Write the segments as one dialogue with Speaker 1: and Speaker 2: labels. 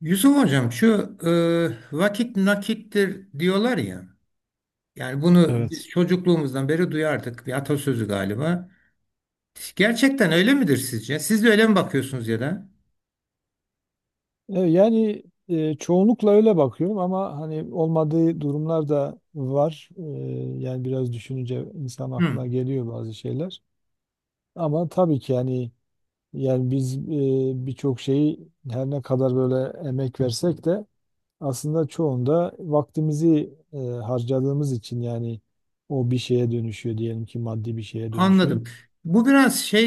Speaker 1: Yusuf Hocam şu vakit nakittir diyorlar ya. Yani bunu biz
Speaker 2: Evet.
Speaker 1: çocukluğumuzdan beri duyardık. Bir atasözü galiba. Gerçekten öyle midir sizce? Siz de öyle mi bakıyorsunuz ya da?
Speaker 2: Yani çoğunlukla öyle bakıyorum ama hani olmadığı durumlar da var. Yani biraz düşününce insan
Speaker 1: Hı,
Speaker 2: aklına geliyor bazı şeyler. Ama tabii ki yani biz birçok şeyi, her ne kadar böyle emek versek de aslında çoğunda vaktimizi harcadığımız için, yani o bir şeye dönüşüyor, diyelim ki maddi bir şeye dönüşüyor.
Speaker 1: anladım. Bu biraz şey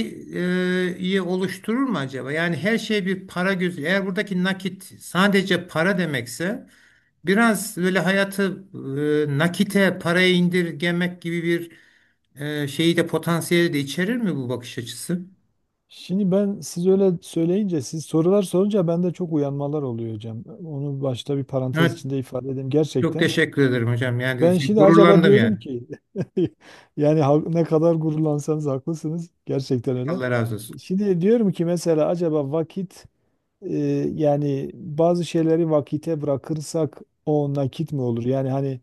Speaker 1: iyi oluşturur mu acaba? Yani her şey bir para gözü. Eğer buradaki nakit sadece para demekse biraz böyle hayatı nakite, paraya indirgemek gibi bir şeyi de potansiyeli de içerir mi bu bakış açısı?
Speaker 2: Şimdi ben, siz öyle söyleyince, siz sorular sorunca, bende çok uyanmalar oluyor hocam. Onu başta bir parantez
Speaker 1: Evet.
Speaker 2: içinde ifade edeyim.
Speaker 1: Çok
Speaker 2: Gerçekten.
Speaker 1: teşekkür ederim hocam. Yani
Speaker 2: Ben
Speaker 1: şey,
Speaker 2: şimdi acaba
Speaker 1: gururlandım
Speaker 2: diyorum
Speaker 1: yani.
Speaker 2: ki, yani ne kadar gururlansanız haklısınız, gerçekten öyle.
Speaker 1: Allah razı olsun.
Speaker 2: Şimdi diyorum ki mesela acaba vakit, e, yani bazı şeyleri vakite bırakırsak o nakit mi olur? Yani hani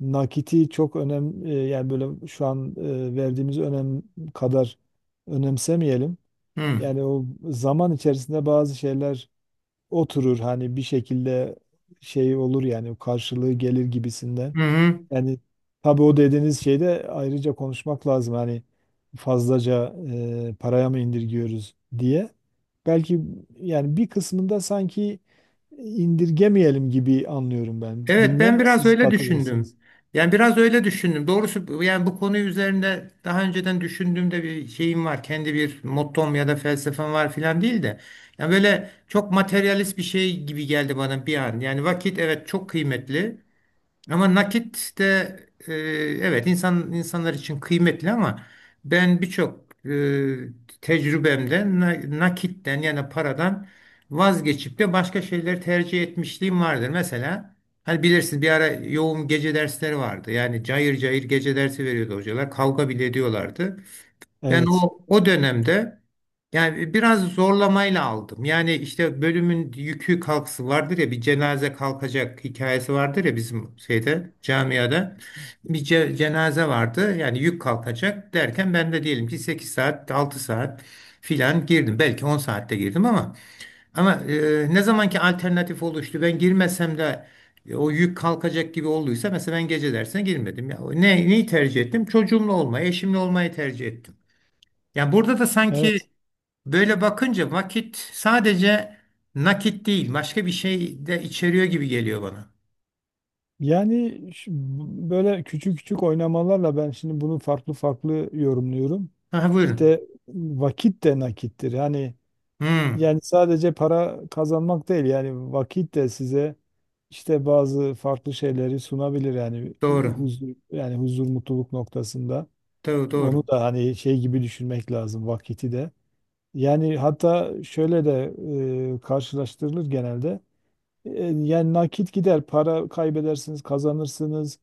Speaker 2: nakiti çok önem, yani böyle şu an verdiğimiz önem kadar önemsemeyelim.
Speaker 1: Hı.
Speaker 2: Yani o, zaman içerisinde bazı şeyler oturur, hani bir şekilde şey olur, yani karşılığı gelir gibisinden.
Speaker 1: Hı hı.
Speaker 2: Yani tabii o dediğiniz şeyde ayrıca konuşmak lazım. Hani fazlaca paraya mı indirgiyoruz diye. Belki, yani bir kısmında sanki indirgemeyelim gibi anlıyorum ben.
Speaker 1: Evet ben
Speaker 2: Bilmem,
Speaker 1: biraz
Speaker 2: siz
Speaker 1: öyle
Speaker 2: katılır mısınız?
Speaker 1: düşündüm. Yani biraz öyle düşündüm. Doğrusu yani bu konu üzerinde daha önceden düşündüğümde bir şeyim var. Kendi bir mottom ya da felsefem var filan değil de. Yani böyle çok materyalist bir şey gibi geldi bana bir an. Yani vakit evet çok kıymetli. Ama nakit de e, evet insanlar için kıymetli ama ben birçok tecrübemde nakitten yani paradan vazgeçip de başka şeyleri tercih etmişliğim vardır. Mesela hani bilirsin bir ara yoğun gece dersleri vardı. Yani cayır cayır gece dersi veriyordu hocalar. Kavga bile ediyorlardı. Ben
Speaker 2: Evet.
Speaker 1: o dönemde yani biraz zorlamayla aldım. Yani işte bölümün yükü kalkısı vardır ya bir cenaze kalkacak hikayesi vardır ya bizim şeyde camiada. Bir cenaze vardı yani yük kalkacak derken ben de diyelim ki 8 saat 6 saat filan girdim. Belki 10 saatte girdim ama ne zamanki alternatif oluştu ben girmesem de o yük kalkacak gibi olduysa mesela ben gece dersine girmedim. Ya, neyi tercih ettim? Çocuğumla olmayı, eşimle olmayı tercih ettim. Ya burada da
Speaker 2: Evet.
Speaker 1: sanki böyle bakınca vakit sadece nakit değil, başka bir şey de içeriyor gibi geliyor bana.
Speaker 2: Yani böyle küçük küçük oynamalarla ben şimdi bunu farklı farklı yorumluyorum.
Speaker 1: Aha, buyurun.
Speaker 2: İşte vakit de nakittir. Yani
Speaker 1: Hmm,
Speaker 2: yani sadece para kazanmak değil, yani vakit de size işte bazı farklı şeyleri sunabilir, yani
Speaker 1: doğru.
Speaker 2: huzur, yani huzur, mutluluk noktasında.
Speaker 1: Doğru,
Speaker 2: Onu
Speaker 1: doğru.
Speaker 2: da hani şey gibi düşünmek lazım, vakiti de. Yani hatta şöyle de karşılaştırılır genelde. E, Yani nakit gider, para kaybedersiniz, kazanırsınız.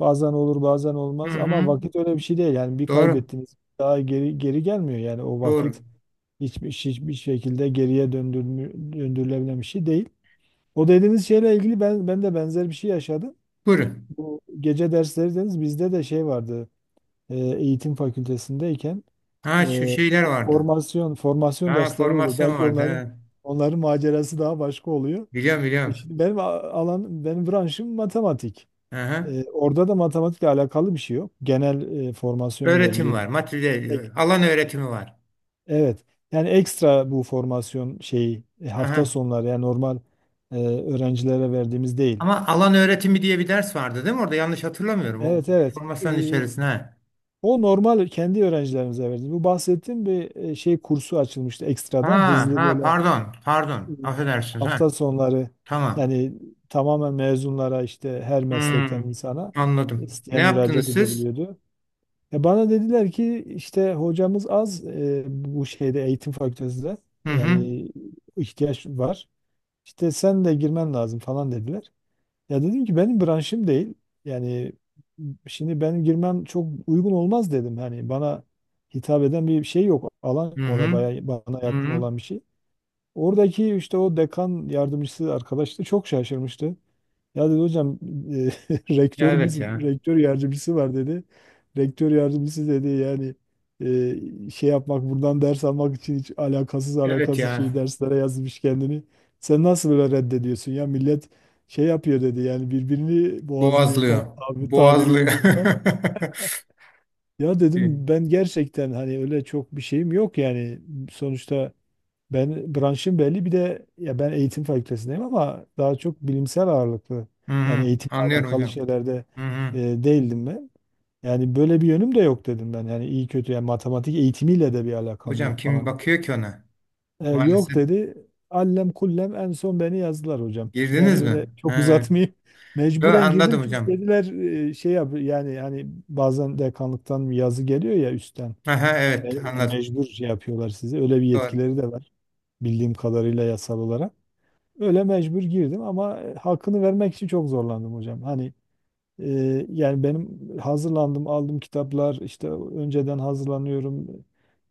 Speaker 2: Bazen olur, bazen
Speaker 1: Hı
Speaker 2: olmaz, ama
Speaker 1: hı.
Speaker 2: vakit öyle bir şey değil. Yani bir
Speaker 1: Doğru,
Speaker 2: kaybettiniz, daha geri geri gelmiyor. Yani o
Speaker 1: doğru.
Speaker 2: vakit hiçbir şekilde geriye döndürülebilen bir şey değil. O dediğiniz şeyle ilgili ben de benzer bir şey yaşadım.
Speaker 1: Buyurun.
Speaker 2: Bu gece dersleri dediniz, bizde de şey vardı. Eğitim fakültesindeyken
Speaker 1: Ha, şu şeyler
Speaker 2: bu
Speaker 1: vardı.
Speaker 2: formasyon
Speaker 1: Ha,
Speaker 2: dersleri olur.
Speaker 1: formasyon
Speaker 2: Belki
Speaker 1: vardı.
Speaker 2: onların
Speaker 1: Ha.
Speaker 2: onların macerası daha başka oluyor.
Speaker 1: Biliyorum, biliyorum.
Speaker 2: Şimdi benim alan, benim branşım matematik.
Speaker 1: Aha.
Speaker 2: Orada da matematikle alakalı bir şey yok. Genel formasyon
Speaker 1: Öğretim
Speaker 2: veriliyor.
Speaker 1: var, materyal,
Speaker 2: Tek-
Speaker 1: alan öğretimi var.
Speaker 2: evet. Yani ekstra bu formasyon şeyi, hafta
Speaker 1: Aha.
Speaker 2: sonları, yani normal öğrencilere verdiğimiz değil.
Speaker 1: Ama alan öğretimi diye bir ders vardı değil mi orada? Yanlış hatırlamıyorum. O
Speaker 2: Evet, evet.
Speaker 1: formasyonun
Speaker 2: E,
Speaker 1: içerisine.
Speaker 2: o normal kendi öğrencilerimize verdiğimiz. Bu bahsettiğim bir şey kursu açılmıştı,
Speaker 1: Ha,
Speaker 2: ekstradan, hızlı,
Speaker 1: ha,
Speaker 2: böyle
Speaker 1: pardon, pardon,
Speaker 2: e,
Speaker 1: affedersiniz. Ha,
Speaker 2: hafta sonları,
Speaker 1: tamam.
Speaker 2: yani tamamen mezunlara, işte her meslekten
Speaker 1: Hmm,
Speaker 2: insana,
Speaker 1: anladım. Ne
Speaker 2: isteyen müracaat
Speaker 1: yaptınız siz?
Speaker 2: edebiliyordu. Ya bana dediler ki işte hocamız, az bu şeyde, eğitim fakültesinde
Speaker 1: Hı hı.
Speaker 2: yani ihtiyaç var. İşte sen de girmen lazım falan dediler. Ya dedim ki benim branşım değil. Yani şimdi benim girmem çok uygun olmaz dedim. Hani bana hitap eden bir şey yok. Alan
Speaker 1: Hı
Speaker 2: yok orada
Speaker 1: hı.
Speaker 2: bayağı bana
Speaker 1: Hı
Speaker 2: yakın
Speaker 1: hı.
Speaker 2: olan bir şey. Oradaki işte o dekan yardımcısı arkadaş da çok şaşırmıştı. Ya dedi hocam, e,
Speaker 1: Ya,
Speaker 2: rektörümüz,
Speaker 1: evet ya.
Speaker 2: rektör yardımcısı var dedi. Rektör yardımcısı dedi yani, şey yapmak, buradan ders almak için, hiç alakasız
Speaker 1: Evet
Speaker 2: alakasız
Speaker 1: ya.
Speaker 2: şey derslere yazmış kendini. Sen nasıl böyle reddediyorsun ya, millet şey yapıyor dedi, yani birbirini boğazlıyor
Speaker 1: Boğazlıyor,
Speaker 2: falan, abi tabiri
Speaker 1: boğazlıyor.
Speaker 2: uygunsa. Ya
Speaker 1: Hı
Speaker 2: dedim, ben gerçekten hani öyle çok bir şeyim yok yani, sonuçta ben, branşım belli, bir de ya ben eğitim fakültesindeyim ama daha çok bilimsel ağırlıklı, yani
Speaker 1: hı,
Speaker 2: eğitimle
Speaker 1: anlıyorum
Speaker 2: alakalı
Speaker 1: hocam.
Speaker 2: şeylerde
Speaker 1: Hı hı.
Speaker 2: e, değildim ben. Yani böyle bir yönüm de yok dedim ben. Yani iyi kötü, yani matematik eğitimiyle de bir alakam
Speaker 1: Hocam
Speaker 2: yok
Speaker 1: kim
Speaker 2: falan.
Speaker 1: bakıyor ki ona?
Speaker 2: Yok
Speaker 1: Maalesef.
Speaker 2: dedi. Allem kullem, en son beni yazdılar hocam. Yani
Speaker 1: Girdiniz
Speaker 2: öyle
Speaker 1: mi?
Speaker 2: çok
Speaker 1: He.
Speaker 2: uzatmayayım.
Speaker 1: Yo,
Speaker 2: Mecburen girdim,
Speaker 1: anladım
Speaker 2: çünkü
Speaker 1: hocam.
Speaker 2: dediler şey yap, yani hani bazen dekanlıktan yazı geliyor ya üstten.
Speaker 1: Aha, evet anladım.
Speaker 2: Mecbur şey yapıyorlar sizi. Öyle bir
Speaker 1: Doğru.
Speaker 2: yetkileri de var bildiğim kadarıyla yasal olarak. Öyle mecbur girdim, ama hakkını vermek için çok zorlandım hocam. Hani yani benim, hazırlandım, aldım kitaplar, işte önceden hazırlanıyorum,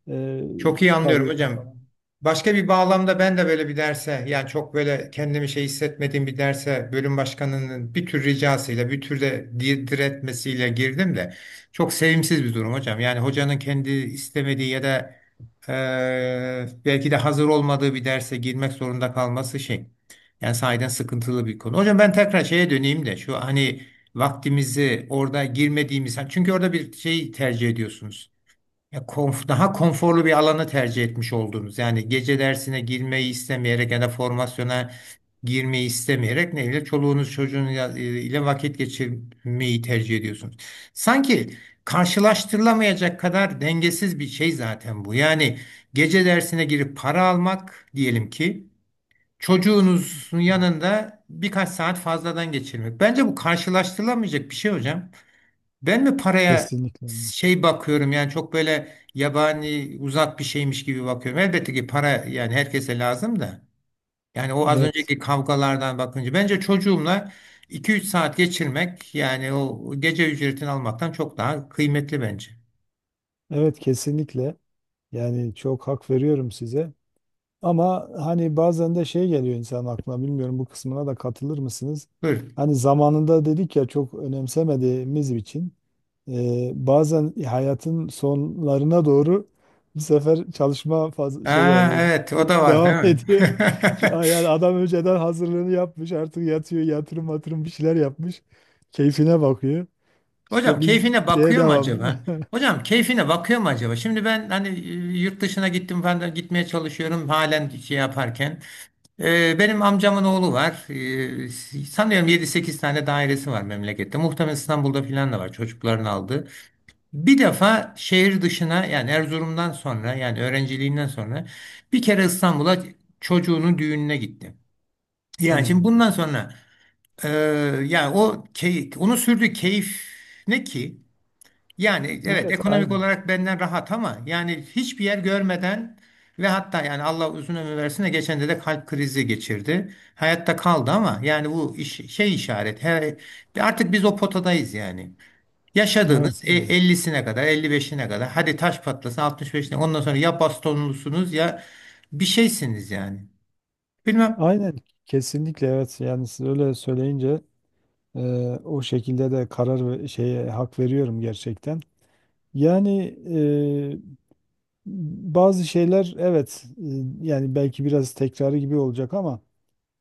Speaker 2: e,
Speaker 1: Çok iyi anlıyorum
Speaker 2: çıkarıyorum
Speaker 1: hocam.
Speaker 2: falan.
Speaker 1: Başka bir bağlamda ben de böyle bir derse yani çok böyle kendimi şey hissetmediğim bir derse bölüm başkanının bir tür ricasıyla bir tür de diretmesiyle girdim de çok sevimsiz bir durum hocam. Yani hocanın kendi istemediği ya da belki de hazır olmadığı bir derse girmek zorunda kalması şey. Yani sahiden sıkıntılı bir konu. Hocam ben tekrar şeye döneyim de şu hani vaktimizi orada girmediğimiz çünkü orada bir şey tercih ediyorsunuz. Ya daha konforlu bir alanı tercih etmiş oldunuz. Yani gece dersine girmeyi istemeyerek ya da formasyona girmeyi istemeyerek neyle çoluğunuz çocuğunuzla ile vakit geçirmeyi tercih ediyorsunuz. Sanki karşılaştırılamayacak kadar dengesiz bir şey zaten bu. Yani gece dersine girip para almak diyelim ki çocuğunuzun yanında birkaç saat fazladan geçirmek. Bence bu karşılaştırılamayacak bir şey hocam. Ben mi paraya
Speaker 2: Kesinlikle.
Speaker 1: şey bakıyorum yani çok böyle yabani uzak bir şeymiş gibi bakıyorum. Elbette ki para yani herkese lazım da. Yani o az
Speaker 2: Evet.
Speaker 1: önceki kavgalardan bakınca bence çocuğumla 2-3 saat geçirmek yani o gece ücretini almaktan çok daha kıymetli bence.
Speaker 2: Evet, kesinlikle. Yani çok hak veriyorum size. Ama hani bazen de şey geliyor insan aklına, bilmiyorum, bu kısmına da katılır mısınız?
Speaker 1: Buyurun.
Speaker 2: Hani zamanında dedik ya çok önemsemediğimiz için. Bazen hayatın sonlarına doğru bu sefer çalışma, şey
Speaker 1: Aa,
Speaker 2: yani,
Speaker 1: evet o da
Speaker 2: durumu
Speaker 1: var değil
Speaker 2: devam
Speaker 1: mi?
Speaker 2: ediyor. Yani adam önceden hazırlığını yapmış, artık yatıyor, yatırım matırım bir şeyler yapmış. Keyfine bakıyor.
Speaker 1: Hocam
Speaker 2: İşte biz
Speaker 1: keyfine
Speaker 2: şeye
Speaker 1: bakıyor mu
Speaker 2: devam.
Speaker 1: acaba? Hocam keyfine bakıyor mu acaba? Şimdi ben hani yurt dışına gittim falan da gitmeye çalışıyorum halen şey yaparken. Benim amcamın oğlu var. Sanıyorum 7-8 tane dairesi var memlekette. Muhtemelen İstanbul'da filan da var çocukların aldığı. Bir defa şehir dışına yani Erzurum'dan sonra yani öğrenciliğinden sonra bir kere İstanbul'a çocuğunun düğününe gitti. Yani şimdi
Speaker 2: Hmm.
Speaker 1: bundan sonra e, yani onu sürdüğü keyif ne ki? Yani evet
Speaker 2: Evet,
Speaker 1: ekonomik
Speaker 2: aynen.
Speaker 1: olarak benden rahat ama yani hiçbir yer görmeden ve hatta yani Allah uzun ömür versin de geçen de kalp krizi geçirdi. Hayatta kaldı ama yani bu iş, şey işaret. Artık biz o potadayız yani. Yaşadığınız
Speaker 2: Evet. Aynen.
Speaker 1: 50'sine kadar 55'ine kadar, hadi taş patlasın, 65'ine. Ondan sonra ya bastonlusunuz ya bir şeysiniz yani. Bilmem.
Speaker 2: Aynen, kesinlikle evet, yani siz öyle söyleyince e, o şekilde de karar ve şeye hak veriyorum gerçekten. Yani bazı şeyler, evet, yani belki biraz tekrarı gibi olacak ama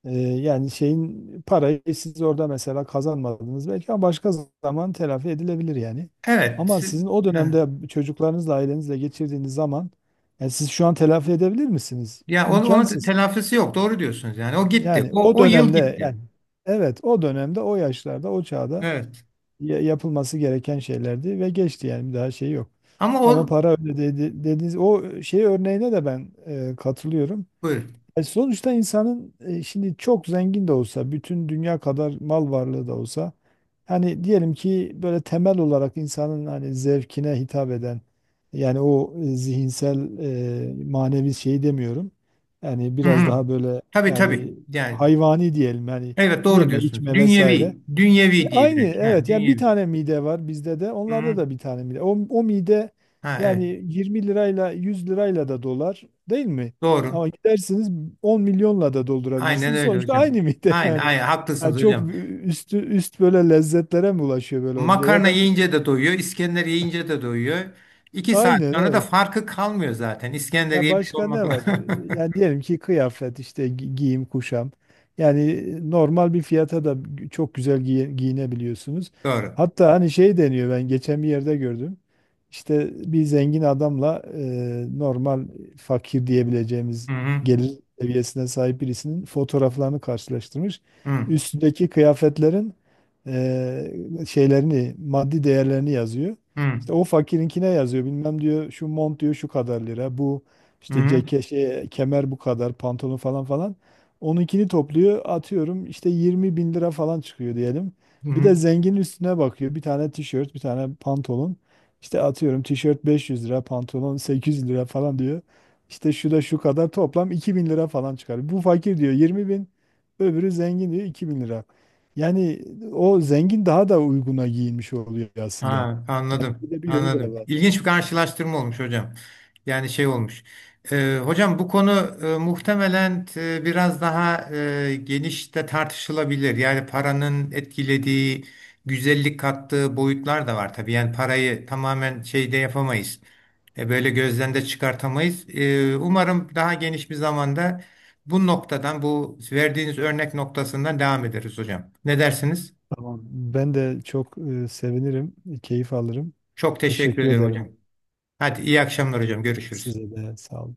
Speaker 2: yani şeyin, parayı siz orada mesela kazanmadınız belki ama başka zaman telafi edilebilir yani.
Speaker 1: Evet.
Speaker 2: Ama sizin o
Speaker 1: Heh.
Speaker 2: dönemde çocuklarınızla, ailenizle geçirdiğiniz zaman, yani siz şu an telafi edebilir misiniz?
Speaker 1: Ya onun
Speaker 2: İmkansız.
Speaker 1: telafisi yok. Doğru diyorsunuz yani. O gitti.
Speaker 2: Yani o
Speaker 1: O yıl
Speaker 2: dönemde,
Speaker 1: gitti.
Speaker 2: yani evet, o dönemde, o yaşlarda, o çağda
Speaker 1: Evet.
Speaker 2: yapılması gereken şeylerdi ve geçti yani, bir daha şey yok.
Speaker 1: Ama
Speaker 2: Ama
Speaker 1: o.
Speaker 2: para öyle dedi, dediğiniz o şey örneğine de ben katılıyorum.
Speaker 1: Buyur.
Speaker 2: Sonuçta insanın, şimdi çok zengin de olsa, bütün dünya kadar mal varlığı da olsa, hani diyelim ki böyle temel olarak insanın hani zevkine hitap eden, yani o zihinsel, manevi şeyi demiyorum. Yani
Speaker 1: Hı
Speaker 2: biraz
Speaker 1: hı.
Speaker 2: daha böyle,
Speaker 1: Tabii tabii.
Speaker 2: yani
Speaker 1: Yani
Speaker 2: hayvani diyelim yani,
Speaker 1: evet doğru
Speaker 2: yeme
Speaker 1: diyorsunuz.
Speaker 2: içme vesaire.
Speaker 1: Dünyevi, dünyevi diye
Speaker 2: Aynı,
Speaker 1: belki. Ha,
Speaker 2: evet, yani bir
Speaker 1: dünyevi.
Speaker 2: tane mide var bizde de,
Speaker 1: Hı
Speaker 2: onlarda
Speaker 1: hı.
Speaker 2: da bir tane mide. O mide
Speaker 1: Ha,
Speaker 2: yani,
Speaker 1: evet.
Speaker 2: 20 lirayla, 100 lirayla da dolar değil mi?
Speaker 1: Doğru.
Speaker 2: Ama gidersiniz, 10 milyonla da
Speaker 1: Aynen
Speaker 2: doldurabilirsiniz.
Speaker 1: öyle
Speaker 2: Sonuçta
Speaker 1: hocam.
Speaker 2: aynı mide,
Speaker 1: Aynen,
Speaker 2: yani.
Speaker 1: aynen
Speaker 2: Yani
Speaker 1: haklısınız
Speaker 2: çok
Speaker 1: hocam.
Speaker 2: üst, böyle lezzetlere mi ulaşıyor böyle olunca, ya
Speaker 1: Makarna
Speaker 2: da ne
Speaker 1: yiyince
Speaker 2: bileyim.
Speaker 1: de doyuyor, İskender yiyince de doyuyor. 2 saat
Speaker 2: Aynen,
Speaker 1: sonra da
Speaker 2: evet.
Speaker 1: farkı kalmıyor zaten. İskender
Speaker 2: Ya
Speaker 1: yemiş
Speaker 2: başka ne
Speaker 1: olmakla.
Speaker 2: var? Yani diyelim ki kıyafet, işte giyim kuşam. Yani normal bir fiyata da çok güzel giyinebiliyorsunuz.
Speaker 1: Doğru.
Speaker 2: Hatta hani şey deniyor, ben geçen bir yerde gördüm. İşte bir zengin adamla, normal fakir diyebileceğimiz
Speaker 1: Hı hı.
Speaker 2: gelir seviyesine sahip birisinin fotoğraflarını karşılaştırmış.
Speaker 1: Hı
Speaker 2: Üstündeki kıyafetlerin şeylerini, maddi değerlerini yazıyor.
Speaker 1: hı.
Speaker 2: İşte o fakirinkine yazıyor. Bilmem diyor, şu mont diyor şu kadar lira. Bu
Speaker 1: Hı
Speaker 2: işte
Speaker 1: hı.
Speaker 2: ceket şey, kemer bu kadar, pantolon falan falan. Onunkini topluyor, atıyorum işte 20 bin lira falan çıkıyor diyelim.
Speaker 1: Hı
Speaker 2: Bir de
Speaker 1: hı.
Speaker 2: zengin üstüne bakıyor. Bir tane tişört, bir tane pantolon. İşte atıyorum, tişört 500 lira, pantolon 800 lira falan diyor. İşte şu da şu kadar, toplam 2000 lira falan çıkar. Bu fakir diyor 20 bin, öbürü zengin diyor 2000 lira. Yani o zengin daha da uyguna giyinmiş oluyor aslında.
Speaker 1: Ha,
Speaker 2: Bir
Speaker 1: anladım.
Speaker 2: de bir yönü de
Speaker 1: Anladım.
Speaker 2: var.
Speaker 1: İlginç bir karşılaştırma olmuş hocam. Yani şey olmuş. Hocam bu konu muhtemelen biraz daha geniş de tartışılabilir. Yani paranın etkilediği, güzellik kattığı boyutlar da var tabii. Yani parayı tamamen şeyde yapamayız. Böyle gözden de çıkartamayız. Umarım daha geniş bir zamanda bu noktadan, bu verdiğiniz örnek noktasından devam ederiz hocam. Ne dersiniz?
Speaker 2: Tamam. Ben de çok sevinirim, keyif alırım.
Speaker 1: Çok teşekkür
Speaker 2: Teşekkür
Speaker 1: ediyorum hocam.
Speaker 2: ederim
Speaker 1: Hadi iyi akşamlar hocam. Görüşürüz.
Speaker 2: size de. Sağ olun.